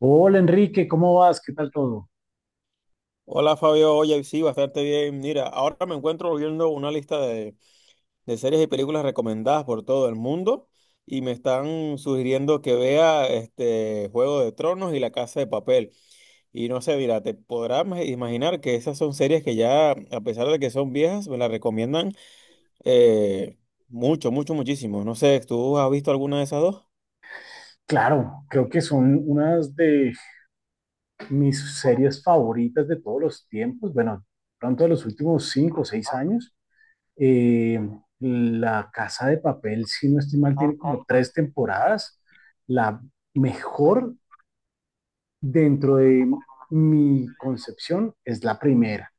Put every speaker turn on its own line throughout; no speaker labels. Hola Enrique, ¿cómo vas? ¿Qué tal todo?
Hola Fabio, oye, sí, bastante bien. Mira, ahora me encuentro viendo una lista de series y películas recomendadas por todo el mundo y me están sugiriendo que vea este Juego de Tronos y La Casa de Papel. Y no sé, mira, te podrás imaginar que esas son series que ya, a pesar de que son viejas, me las recomiendan eh, mucho, mucho, muchísimo. No sé, ¿tú has visto alguna de esas dos?
Claro, creo que son unas de mis series favoritas de todos los tiempos, bueno, pronto de los últimos 5 o 6 años. Eh, La Casa de Papel, si no estoy mal, tiene como tres temporadas. La mejor dentro de mi concepción es la primera.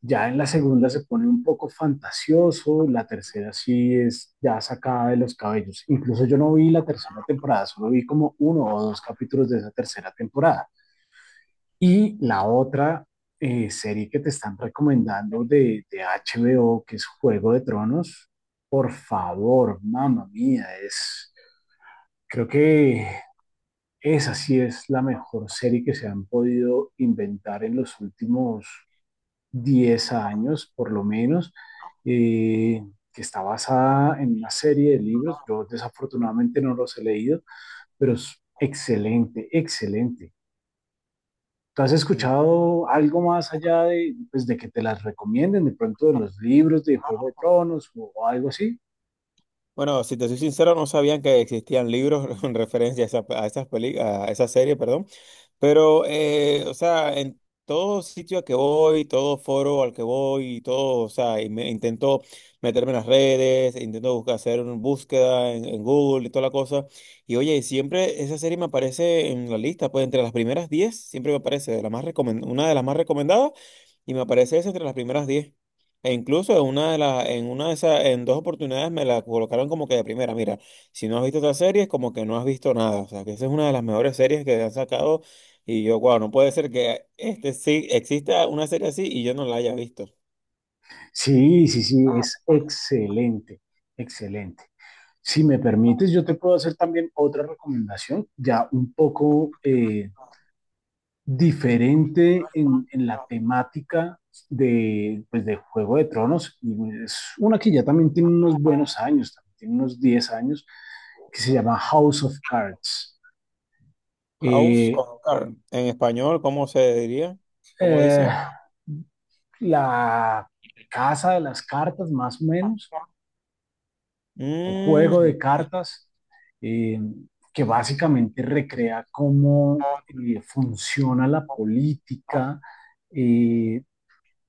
Ya en la segunda se pone un poco fantasioso, la tercera sí es ya sacada de los cabellos. Incluso yo no vi la tercera temporada, solo vi como uno o dos capítulos de esa tercera temporada. Y la otra serie que te están recomendando de HBO, que es Juego de Tronos, por favor, mamá mía, creo que esa sí es la mejor serie que se han podido inventar en los últimos 10 años por lo menos, eh, que está basada en una serie de libros. Yo desafortunadamente no los he leído, pero es excelente, excelente. ¿Tú has
Mm.
escuchado algo más allá de, pues, de que te las recomienden, de pronto de los libros de Juego de Tronos o algo así?
Bueno, si te soy sincero, no sabían que existían libros en referencia a esa serie, perdón. Pero, o sea, en todo sitio a que voy, todo foro al que voy, y todo, o sea, y intento meterme en las redes, intento buscar, hacer una búsqueda en Google y toda la cosa. Y oye, siempre esa serie me aparece en la lista, pues entre las primeras 10 siempre me aparece de la más una de las más recomendadas y me aparece esa entre las primeras 10. E incluso en una de las, en una de esas, en 2 oportunidades me la colocaron como que de primera. Mira, si no has visto otra serie, es como que no has visto nada. O sea, que esa es una de las mejores series que han sacado y yo, wow, no puede ser que este sí exista una serie así y yo no la haya visto.
Sí, sí, sí, es excelente, excelente. Si me permites, yo te puedo hacer también otra recomendación, ya un poco diferente en la temática de, pues, de Juego de Tronos. Y bueno, es una que ya también tiene unos buenos años, también tiene unos 10 años, que se llama House of Cards.
House
Eh,
of Cards. En español, ¿cómo se diría? ¿Cómo
eh,
dice?
la casa de las cartas, más o menos, o juego
Mm,
de cartas, eh, que básicamente recrea cómo funciona la política, eh,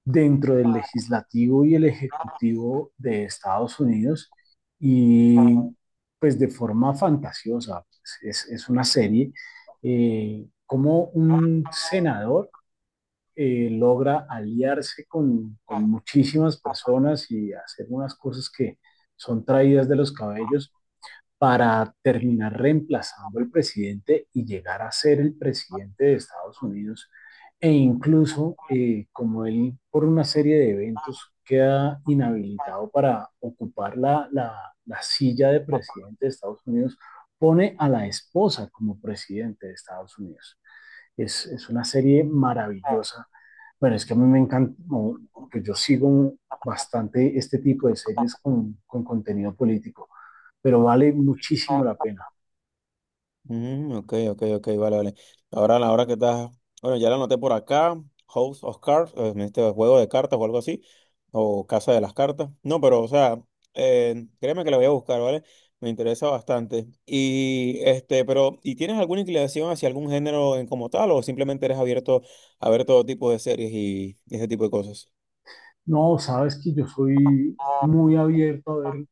dentro del legislativo y el ejecutivo de Estados Unidos y pues de forma fantasiosa, es una serie, como un senador logra aliarse con muchísimas personas y hacer unas cosas que son traídas de los cabellos para terminar reemplazando al presidente y llegar a ser el presidente de Estados Unidos. E incluso, como él por una serie de eventos queda inhabilitado para ocupar la silla de presidente de Estados Unidos, pone a la esposa como presidente de Estados Unidos. Es una serie maravillosa. Bueno, es que a mí me encanta, no, que yo sigo bastante este tipo de series con contenido político pero vale muchísimo la pena.
mm, ok, ok, ok, vale, vale. Ahora, la hora que estás. Bueno, ya la anoté por acá. House of Cards, este juego de cartas o algo así. O Casa de las Cartas. No, pero, o sea, créeme que la voy a buscar, ¿vale? Me interesa bastante. Y, este, pero, ¿y tienes alguna inclinación hacia algún género en como tal o simplemente eres abierto a ver todo tipo de series y, ese tipo de cosas?
No, sabes que yo soy muy abierto a ver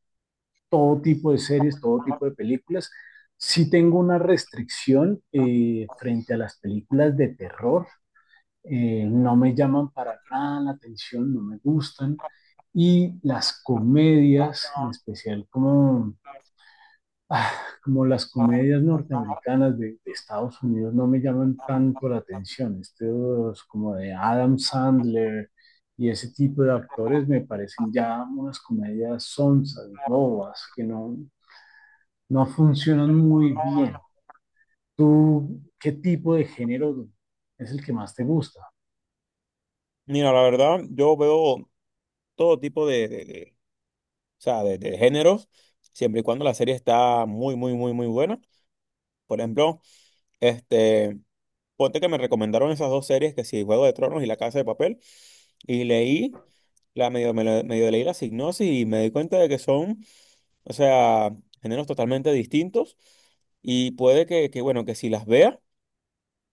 todo tipo de series, todo tipo de películas. Sí tengo una restricción frente a las películas de terror. No me llaman para nada la atención, no me gustan. Y las comedias, en especial ah, como las comedias norteamericanas de Estados Unidos no me llaman tanto la atención. Estos como de Adam Sandler y ese tipo de actores me parecen ya unas comedias sonsas, bobas, que no funcionan muy bien. ¿Tú qué tipo de género es el que más te gusta?
Mira, la verdad, yo veo todo tipo de, o sea, de géneros, siempre y cuando la serie está muy, muy, muy, muy buena. Por ejemplo, este, ponte que me recomendaron esas dos series, que sí, Juego de Tronos y La Casa de Papel, y leí. La medio, me lo- medio leí la sinopsis y me di cuenta de que son, o sea, géneros totalmente distintos. Y puede que, bueno, que si las vea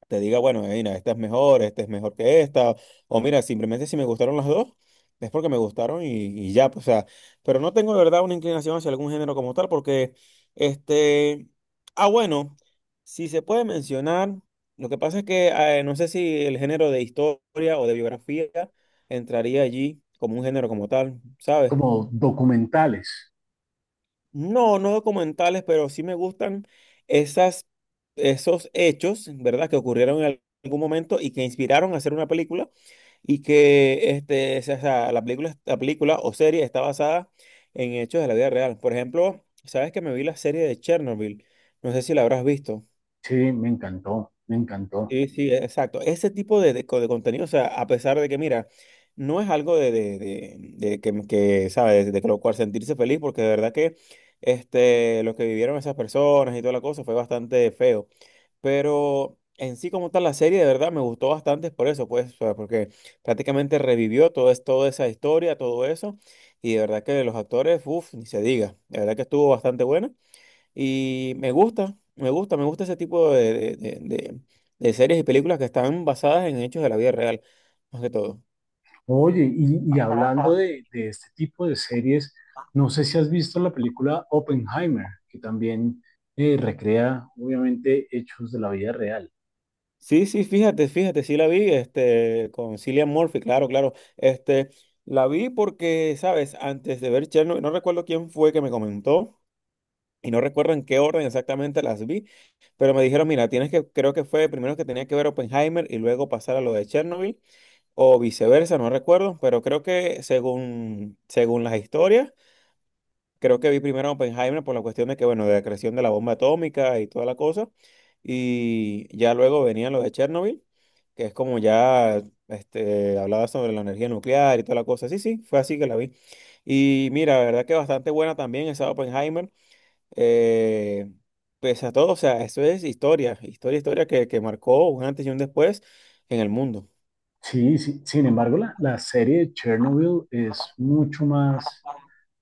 te diga, bueno, mira, esta es mejor que esta, o mira, simplemente si me gustaron las dos, es porque me gustaron y ya, pues, o sea, pero no tengo de verdad una inclinación hacia algún género como tal, porque, este, ah, bueno, si se puede mencionar, lo que pasa es que no sé si el género de historia o de biografía entraría allí como un género como tal, ¿sabes?
Como documentales.
No, no documentales, pero sí me gustan esas, esos hechos, ¿verdad? Que ocurrieron en algún momento y que inspiraron a hacer una película y que este, o sea, la película o serie está basada en hechos de la vida real. Por ejemplo, sabes que me vi la serie de Chernobyl, no sé si la habrás visto.
Sí, me encantó, me encantó.
Sí, sí, exacto. Ese tipo de contenido, o sea, a pesar de que, mira, no es algo de que, ¿sabes? De que lo cual sentirse feliz, porque de verdad que este, lo que vivieron esas personas y toda la cosa fue bastante feo. Pero en sí, como tal, la serie de verdad me gustó bastante por eso, pues, o sea, porque prácticamente revivió toda esa historia, todo eso, y de verdad que los actores, uff, ni se diga, de verdad que estuvo bastante buena. Y me gusta, me gusta, me gusta ese tipo de, de series y películas que están basadas en hechos de la vida real, más que todo.
Oye, y hablando de este tipo de series, no sé si has visto la película Oppenheimer, que también recrea, obviamente, hechos de la vida real.
Sí, sí, fíjate, fíjate, sí la vi, este, con Cillian Murphy, claro, claro. Este, la vi porque, sabes, antes de ver Chernobyl, no recuerdo quién fue que me comentó, y no recuerdo en qué orden exactamente las vi, pero me dijeron, mira, tienes que, creo que fue primero que tenía que ver Oppenheimer y luego pasar a lo de Chernobyl, o viceversa, no recuerdo, pero creo que según las historias. Creo que vi primero a Oppenheimer por la cuestión de que, bueno, de la creación de la bomba atómica y toda la cosa. Y ya luego venían los de Chernobyl, que es como ya este, hablaba sobre la energía nuclear y toda la cosa. Sí, sí, fue así que la vi. Y mira, la verdad que bastante buena también esa Oppenheimer. Eh, pese a todo, o sea, eso es historia, historia, historia que marcó un antes y un después en el mundo.
Sí, sí, sin embargo, la serie de Chernobyl es mucho más.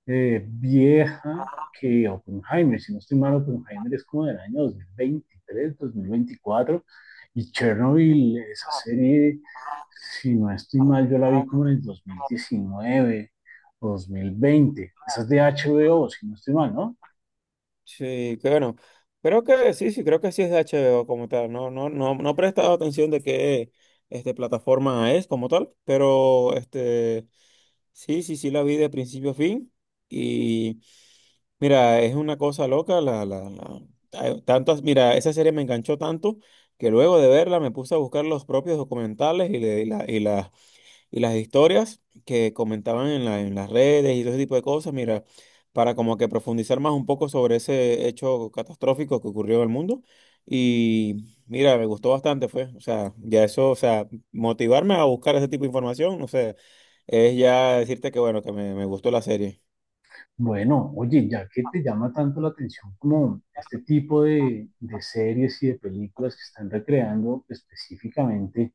eh, vieja que Oppenheimer. Si no estoy mal, Oppenheimer es como del año 2023, 2024. Y Chernobyl, esa serie, si no estoy mal, yo la vi como en el 2019 o 2020. Esa es de HBO, si no estoy mal, ¿no?
Sí, que bueno. Creo que sí, sí, creo que sí es de HBO como tal. No, no, no, no he prestado atención de qué plataforma es como tal, pero sí, sí, sí la vi de principio a fin. Y mira, es una cosa loca. Hay tantas, mira, esa serie me enganchó tanto que luego de verla me puse a buscar los propios documentales y las historias que comentaban en las redes y todo ese tipo de cosas, mira, para como que profundizar más un poco sobre ese hecho catastrófico que ocurrió en el mundo. Y mira, me gustó bastante, fue. O sea, ya eso, o sea, motivarme a buscar ese tipo de información, no sé, es ya decirte que bueno, que me gustó la serie.
Bueno, oye, ya que te llama tanto la atención como este tipo de, series y de películas que están recreando específicamente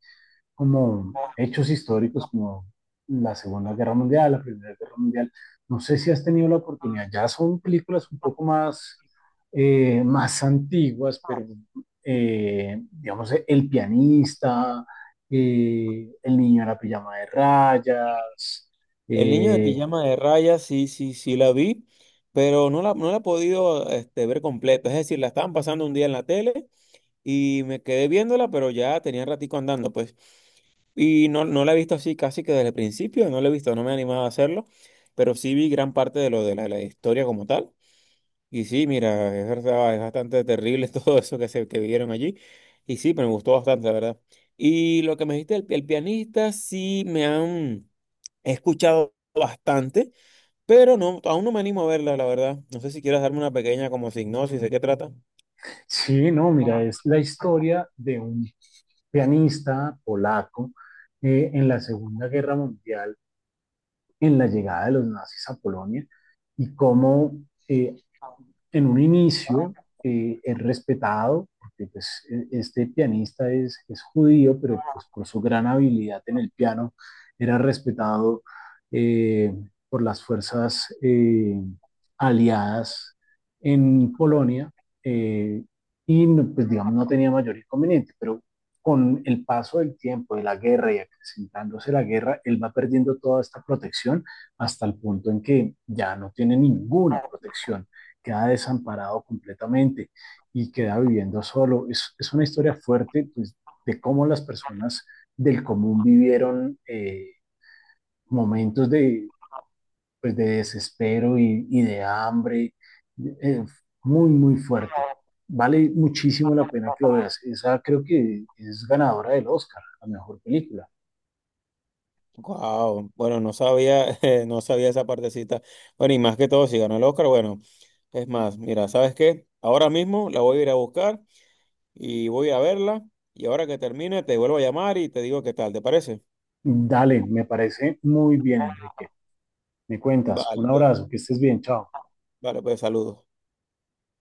como hechos históricos como la Segunda Guerra Mundial, la Primera Guerra Mundial. No sé si has tenido la oportunidad, ya son películas un poco más, más antiguas, pero digamos, El pianista, El niño en la pijama de rayas.
El niño de
eh,
pijama de rayas, sí, sí, sí la vi, pero no la he podido ver completa. Es decir, la estaban pasando un día en la tele y me quedé viéndola, pero ya tenía ratico andando, pues. Y no, no la he visto así casi que desde el principio, no la he visto, no me he animado a hacerlo, pero sí vi gran parte de lo de la historia como tal. Y sí, mira, es verdad, es bastante terrible todo eso que se que vieron allí. Y sí, pero me gustó bastante, la verdad. Y lo que me dijiste, el pianista, sí me han he escuchado bastante, pero no, aún no me animo a verla, la verdad. No sé si quieres darme una pequeña como sinopsis de qué trata.
sí, no, mira, es la historia de un pianista polaco en la Segunda Guerra Mundial en la llegada de los nazis a Polonia y cómo eh, en un inicio es respetado, porque pues, este pianista es judío, pero pues, por su gran habilidad en el piano era respetado eh, por las fuerzas aliadas en Polonia eh, y pues, digamos no tenía mayor inconveniente, pero con el paso del tiempo, de la guerra y acrecentándose la guerra, él va perdiendo toda esta protección hasta el punto en que ya no tiene ninguna protección. Queda desamparado completamente y queda viviendo solo. Es una historia fuerte pues, de cómo las personas del común vivieron momentos de, pues, de desespero y de hambre, eh, muy, muy fuerte. Vale muchísimo la pena que lo veas. Esa creo que es ganadora del Oscar, la mejor película.
Wow, bueno, no sabía, no sabía esa partecita. Bueno, y más que todo, si ganó el Oscar, bueno. Es más, mira, ¿sabes qué? Ahora mismo la voy a ir a buscar y voy a verla. Y ahora que termine, te vuelvo a llamar y te digo qué tal, ¿te parece?
Dale, me parece muy bien, Enrique. Me cuentas.
Vale,
Un
pues,
abrazo, que estés bien, chao.
vale, pues saludos.